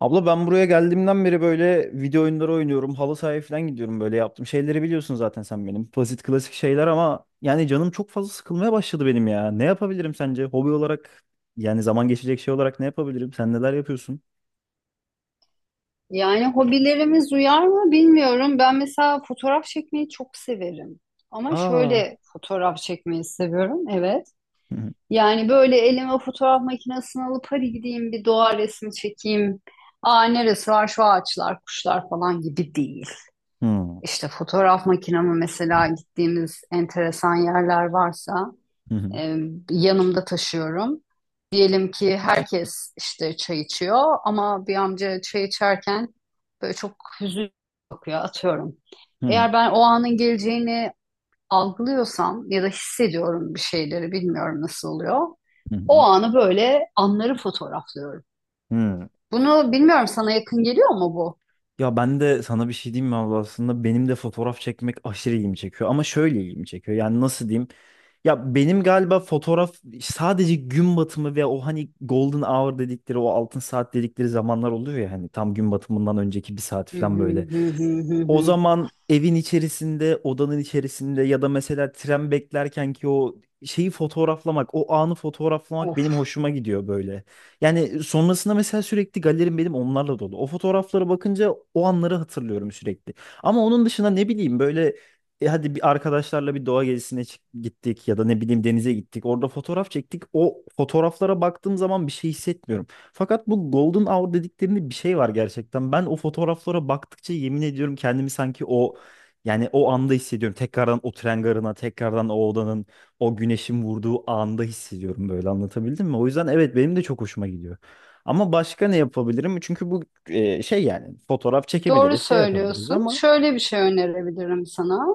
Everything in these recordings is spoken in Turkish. Abla ben buraya geldiğimden beri böyle video oyunları oynuyorum. Halı sahaya falan gidiyorum böyle yaptım. Şeyleri biliyorsun zaten sen benim. Basit klasik şeyler ama yani canım çok fazla sıkılmaya başladı benim ya. Ne yapabilirim sence? Hobi olarak yani zaman geçecek şey olarak ne yapabilirim? Sen neler yapıyorsun? Yani hobilerimiz uyar mı bilmiyorum. Ben mesela fotoğraf çekmeyi çok severim. Ama Aa. şöyle fotoğraf çekmeyi seviyorum, evet. Hı hı. Yani böyle elime fotoğraf makinesini alıp hadi gideyim bir doğa resmi çekeyim. Aa neresi var şu ağaçlar, kuşlar falan gibi değil. Hı hı. İşte fotoğraf makinamı mesela gittiğimiz enteresan yerler varsa Hı e, yanımda taşıyorum. Diyelim ki herkes işte çay içiyor ama bir amca çay içerken böyle çok hüzün bakıyor atıyorum. hı. Eğer ben o anın geleceğini algılıyorsam ya da hissediyorum bir şeyleri bilmiyorum nasıl oluyor. Hı O hı. anı böyle anları fotoğraflıyorum. Hı hı. Bunu bilmiyorum sana yakın geliyor mu bu? Ya ben de sana bir şey diyeyim mi abla? Aslında benim de fotoğraf çekmek aşırı ilgimi çekiyor, ama şöyle ilgimi çekiyor, yani nasıl diyeyim, ya benim galiba fotoğraf sadece gün batımı ve o hani golden hour dedikleri, o altın saat dedikleri zamanlar oluyor ya, hani tam gün batımından önceki bir saat Hı falan hı böyle. hı hı hı O hı. zaman evin içerisinde, odanın içerisinde ya da mesela tren beklerken ki o şeyi fotoğraflamak, o anı fotoğraflamak Of. benim hoşuma gidiyor böyle. Yani sonrasında mesela sürekli galerim benim onlarla dolu. O fotoğraflara bakınca o anları hatırlıyorum sürekli. Ama onun dışında ne bileyim böyle hadi bir arkadaşlarla bir doğa gezisine gittik ya da ne bileyim denize gittik. Orada fotoğraf çektik. O fotoğraflara baktığım zaman bir şey hissetmiyorum. Fakat bu Golden Hour dediklerinde bir şey var gerçekten. Ben o fotoğraflara baktıkça yemin ediyorum, kendimi sanki o, yani o anda hissediyorum. Tekrardan o tren garına, tekrardan o odanın, o güneşin vurduğu anda hissediyorum böyle. Anlatabildim mi? O yüzden evet, benim de çok hoşuma gidiyor. Ama başka ne yapabilirim? Çünkü bu şey, yani fotoğraf Doğru çekebiliriz, şey yapabiliriz söylüyorsun. ama Şöyle bir şey önerebilirim sana.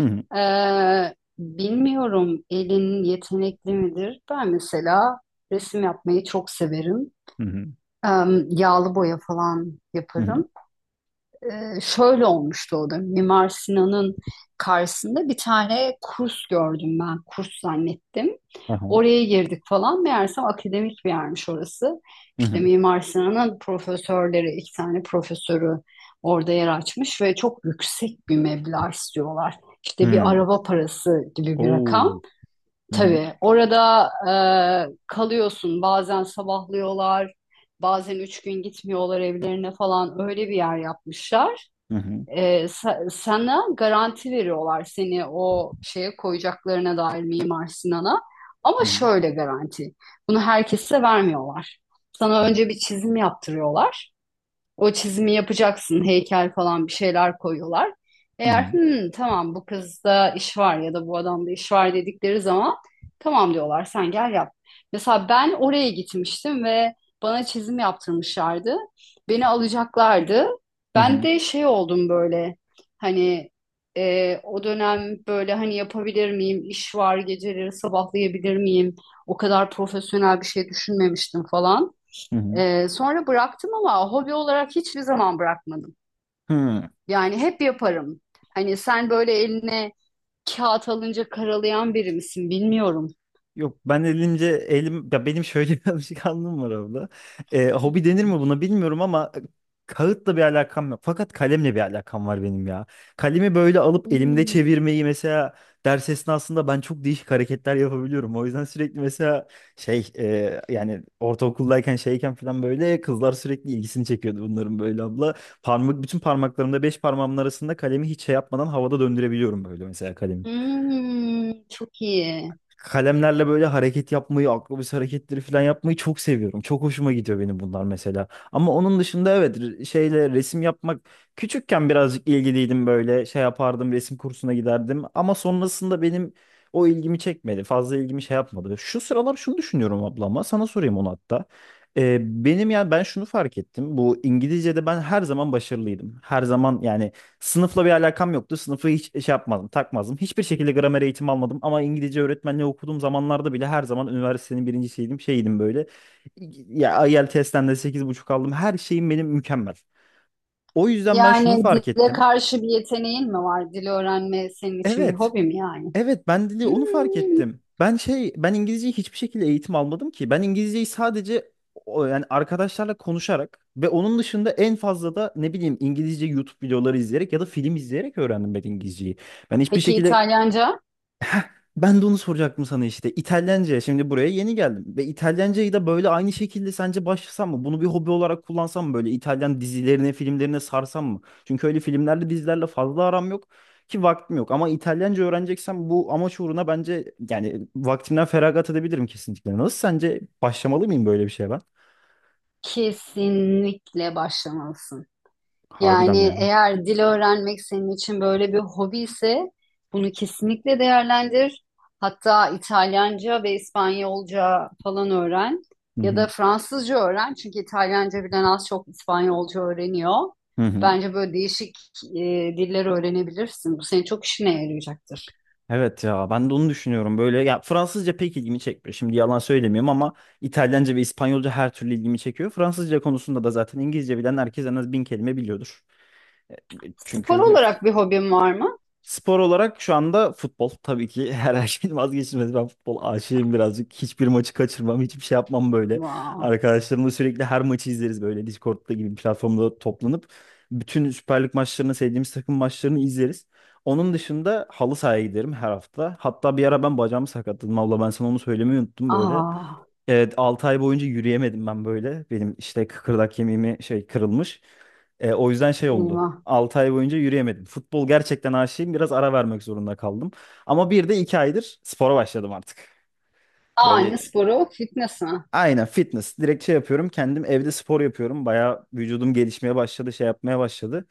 Hı hı Bilmiyorum elin yetenekli midir? Ben mesela resim yapmayı çok severim. hı hı Ee, yağlı boya falan hı hı yaparım. Şöyle olmuştu o da. Mimar Sinan'ın karşısında bir tane kurs gördüm ben. Kurs zannettim. aha, Oraya girdik falan. Meğersem akademik bir yermiş orası. hı İşte hı Mimar Sinan'ın profesörleri, iki tane profesörü orada yer açmış ve çok yüksek bir meblağ istiyorlar. İşte bir hı. araba parası gibi bir rakam. Oo. Hı hı Tabii orada kalıyorsun. Bazen sabahlıyorlar, bazen üç gün gitmiyorlar evlerine falan. Öyle bir yer yapmışlar hı hı sana garanti veriyorlar seni o şeye koyacaklarına dair Mimar Sinan'a. Ama hı şöyle garanti. Bunu herkese vermiyorlar. Sana hı önce bir çizim yaptırıyorlar. O çizimi yapacaksın, heykel falan bir şeyler koyuyorlar. hı Eğer "Hmm, tamam bu kızda iş var ya da bu adamda iş var dedikleri zaman tamam diyorlar sen gel yap. Mesela ben oraya gitmiştim ve bana çizim yaptırmışlardı. Beni alacaklardı. Ben hı de şey oldum böyle hani o dönem böyle hani yapabilir miyim, iş var geceleri sabahlayabilir miyim? O kadar profesyonel bir şey düşünmemiştim falan. hı Sonra bıraktım ama hobi olarak hiçbir zaman bırakmadım. hı. Yani hep yaparım. Hani sen böyle eline kağıt alınca karalayan biri misin bilmiyorum. Yok, ben elim ya, benim şöyle bir alışkanlığım var abla. Hobi denir mi buna bilmiyorum ama kağıtla bir alakam yok. Fakat kalemle bir alakam var benim ya. Kalemi böyle alıp elimde Hmm. çevirmeyi mesela ders esnasında ben çok değişik hareketler yapabiliyorum. O yüzden sürekli mesela şey, yani ortaokuldayken şeyken falan böyle kızlar sürekli ilgisini çekiyordu bunların böyle abla. Parmak, bütün parmaklarımda, beş parmağımın arasında kalemi hiç şey yapmadan havada döndürebiliyorum böyle mesela kalemi. Çok iyi. Kalemlerle böyle hareket yapmayı, akrobasi hareketleri falan yapmayı çok seviyorum. Çok hoşuma gidiyor benim bunlar mesela. Ama onun dışında evet, şeyle resim yapmak, küçükken birazcık ilgiliydim böyle, şey yapardım, resim kursuna giderdim. Ama sonrasında benim o ilgimi çekmedi. Fazla ilgimi şey yapmadı. Şu sıralar şunu düşünüyorum ablama, sana sorayım onu hatta. Benim, yani ben şunu fark ettim. Bu İngilizce'de ben her zaman başarılıydım. Her zaman yani sınıfla bir alakam yoktu. Sınıfı hiç şey yapmadım, takmazdım. Hiçbir şekilde gramer eğitimi almadım ama İngilizce öğretmenliği okuduğum zamanlarda bile her zaman üniversitenin birincisiydim, şeydim böyle. Ya IELTS'ten de sekiz buçuk aldım. Her şeyim benim mükemmel. O yüzden ben şunu Yani fark dile ettim. karşı bir yeteneğin mi var? Dil öğrenme senin için bir Evet, hobi mi yani? evet, ben dili onu fark Hmm. ettim. Ben şey, ben İngilizceyi hiçbir şekilde eğitim almadım ki. Ben İngilizceyi sadece yani arkadaşlarla konuşarak ve onun dışında en fazla da ne bileyim İngilizce YouTube videoları izleyerek ya da film izleyerek öğrendim ben İngilizceyi. Ben hiçbir Peki şekilde İtalyanca? ben de onu soracaktım sana işte. İtalyanca. Şimdi buraya yeni geldim. Ve İtalyancayı da böyle aynı şekilde sence başlasam mı? Bunu bir hobi olarak kullansam mı? Böyle İtalyan dizilerine, filmlerine sarsam mı? Çünkü öyle filmlerle, dizilerle fazla aram yok ki, vaktim yok. Ama İtalyanca öğreneceksem bu amaç uğruna, bence yani vaktimden feragat edebilirim kesinlikle. Nasıl, sence başlamalı mıyım böyle bir şeye ben? Kesinlikle başlamalısın. Harbiden mi Yani ya? eğer dil öğrenmek senin için böyle bir hobi ise bunu kesinlikle değerlendir. Hatta İtalyanca ve İspanyolca falan öğren Hı ya da hı. Fransızca öğren. Çünkü İtalyanca bilen az çok İspanyolca öğreniyor. Hı hı. Bence böyle değişik e, diller öğrenebilirsin. Bu senin çok işine yarayacaktır. Evet ya, ben de onu düşünüyorum. Böyle ya, Fransızca pek ilgimi çekmiyor. Şimdi yalan söylemiyorum ama İtalyanca ve İspanyolca her türlü ilgimi çekiyor. Fransızca konusunda da zaten İngilizce bilen herkes en az bin kelime biliyordur. Spor Çünkü olarak bir hobin var mı? spor olarak şu anda futbol tabii ki her şeyin vazgeçilmezi. Ben futbol aşığım birazcık. Hiçbir maçı kaçırmam, hiçbir şey yapmam böyle. Wow. Arkadaşlarımla sürekli her maçı izleriz böyle Discord'da gibi bir platformda toplanıp. Bütün Süper Lig maçlarını, sevdiğimiz takım maçlarını izleriz. Onun dışında halı sahaya giderim her hafta. Hatta bir ara ben bacağımı sakatladım abla, ben sana onu söylemeyi unuttum böyle. Aa, Evet, 6 ay boyunca yürüyemedim ben böyle. Benim işte kıkırdak kemiğimi şey, kırılmış. O yüzden şey oldu. eyvah. 6 ay boyunca yürüyemedim. Futbol gerçekten aşığım. Biraz ara vermek zorunda kaldım. Ama bir de 2 aydır spora başladım artık. Aa, ne Böyle sporu? Fitness mi? aynen fitness. Direkt şey yapıyorum. Kendim evde spor yapıyorum. Bayağı vücudum gelişmeye başladı, şey yapmaya başladı.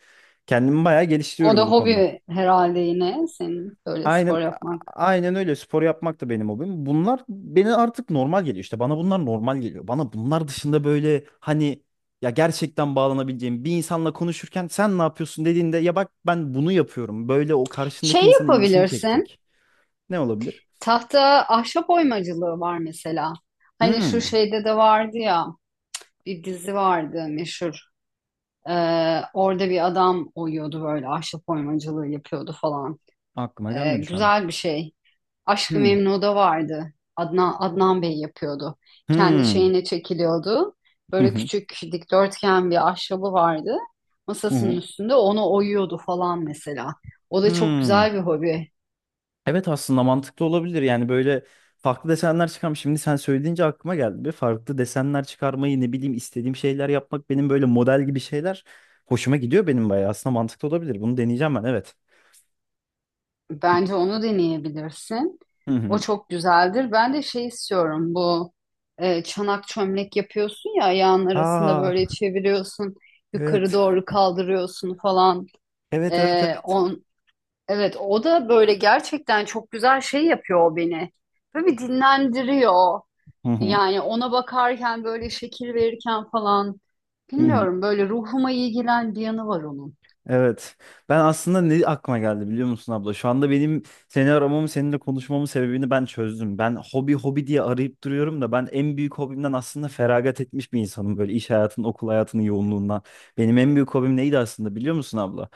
Kendimi bayağı O da geliştiriyorum bu konuda. hobi herhalde yine senin böyle Aynen spor yapman. aynen, öyle, spor yapmak da benim hobim. Bunlar beni artık normal geliyor. İşte bana bunlar normal geliyor. Bana bunlar dışında böyle hani, ya gerçekten bağlanabileceğim bir insanla konuşurken sen ne yapıyorsun dediğinde, ya bak ben bunu yapıyorum. Böyle o karşındaki Şey insanın ilgisini yapabilirsin. çekecek. Ne olabilir? Tahta ahşap oymacılığı var mesela. Hani şu Hmm, şeyde de vardı ya bir dizi vardı meşhur. Orada bir adam oyuyordu böyle ahşap oymacılığı yapıyordu falan. Aklıma gelmedi şu an. Güzel bir şey. Aşk-ı Hmm. Memnu'da vardı. Adnan Bey yapıyordu. Kendi Hmm. şeyine çekiliyordu. Hı Böyle hı. küçük dikdörtgen bir ahşabı vardı. Hı Masasının hı. üstünde onu oyuyordu falan mesela. O da çok Hmm. güzel bir hobi. Evet, aslında mantıklı olabilir. Yani böyle farklı desenler çıkarmış. Şimdi sen söyleyince aklıma geldi. Bir farklı desenler çıkarmayı, ne bileyim istediğim şeyler yapmak benim, böyle model gibi şeyler hoşuma gidiyor benim bayağı. Aslında mantıklı olabilir. Bunu deneyeceğim ben, evet. Bence onu deneyebilirsin. Hı O hı. çok güzeldir. Ben de şey istiyorum bu çanak çömlek yapıyorsun ya ayağın arasında Aa, böyle çeviriyorsun yukarı evet. doğru kaldırıyorsun falan. Evet, evet, E, evet. on, evet o da böyle gerçekten çok güzel şey yapıyor o beni. Böyle bir dinlendiriyor. Hı hı. Yani ona bakarken böyle şekil verirken falan Hı hı. bilmiyorum böyle ruhuma iyi gelen bir yanı var onun. Evet. Ben aslında ne aklıma geldi biliyor musun abla? Şu anda benim seni aramamın, seninle konuşmamın sebebini ben çözdüm. Ben hobi hobi diye arayıp duruyorum da ben en büyük hobimden aslında feragat etmiş bir insanım. Böyle iş hayatının, okul hayatının yoğunluğundan. Benim en büyük hobim neydi aslında biliyor musun abla?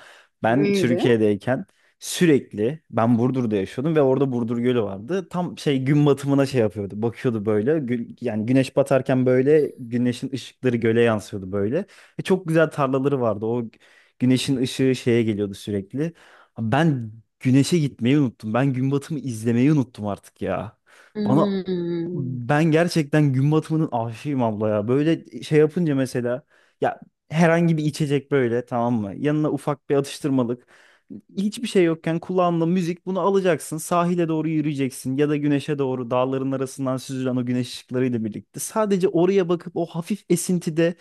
Ben Neydi? Türkiye'deyken sürekli ben Burdur'da yaşıyordum ve orada Burdur Gölü vardı. Tam şey, gün batımına şey yapıyordu. Bakıyordu böyle. Yani güneş batarken böyle güneşin ışıkları göle yansıyordu böyle. Ve çok güzel tarlaları vardı. O güneşin ışığı şeye geliyordu sürekli. Ben güneşe gitmeyi unuttum. Ben gün batımı izlemeyi unuttum artık ya. Bana, Hmm. ben gerçekten gün batımının aşığıyım abla ya. Böyle şey yapınca mesela, ya, herhangi bir içecek, böyle, tamam mı? Yanına ufak bir atıştırmalık. Hiçbir şey yokken kulağında müzik, bunu alacaksın. Sahile doğru yürüyeceksin ya da güneşe doğru dağların arasından süzülen o güneş ışıklarıyla birlikte. Sadece oraya bakıp o hafif esintide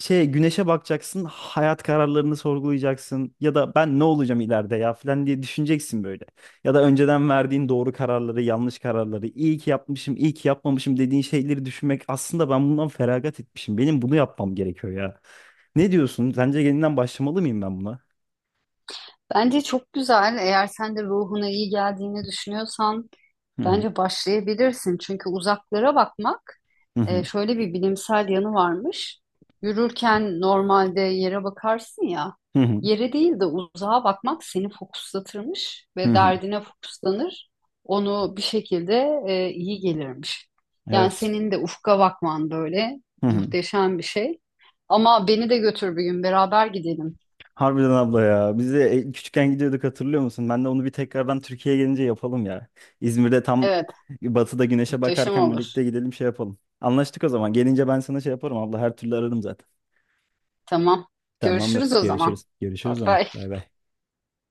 şey, güneşe bakacaksın, hayat kararlarını sorgulayacaksın ya da ben ne olacağım ileride ya falan diye düşüneceksin böyle. Ya da önceden verdiğin doğru kararları, yanlış kararları, iyi ki yapmışım, iyi ki yapmamışım dediğin şeyleri düşünmek, aslında ben bundan feragat etmişim. Benim bunu yapmam gerekiyor ya. Ne diyorsun? Sence yeniden başlamalı mıyım ben buna? Bence çok güzel. Eğer sen de ruhuna iyi geldiğini düşünüyorsan Hı hı. bence başlayabilirsin. Çünkü uzaklara bakmak Hı şöyle bir bilimsel yanı varmış. Yürürken normalde yere bakarsın ya, hı. yere değil de uzağa bakmak seni fokuslatırmış Hı ve hı. derdine fokuslanır. Onu bir şekilde iyi gelirmiş. Yani Evet. senin de ufka bakman böyle Hı hı. Evet. muhteşem bir şey. Ama beni de götür bir gün beraber gidelim. Harbiden abla ya. Biz de küçükken gidiyorduk hatırlıyor musun? Ben de onu bir tekrardan Türkiye'ye gelince yapalım ya. İzmir'de tam Evet, batıda güneşe muhteşem bakarken olur. birlikte gidelim, şey yapalım. Anlaştık o zaman. Gelince ben sana şey yaparım abla. Her türlü ararım zaten. Tamam. Tamamdır. Görüşürüz o zaman. Görüşürüz. Bye Görüşürüz o zaman. bye. Bay bay.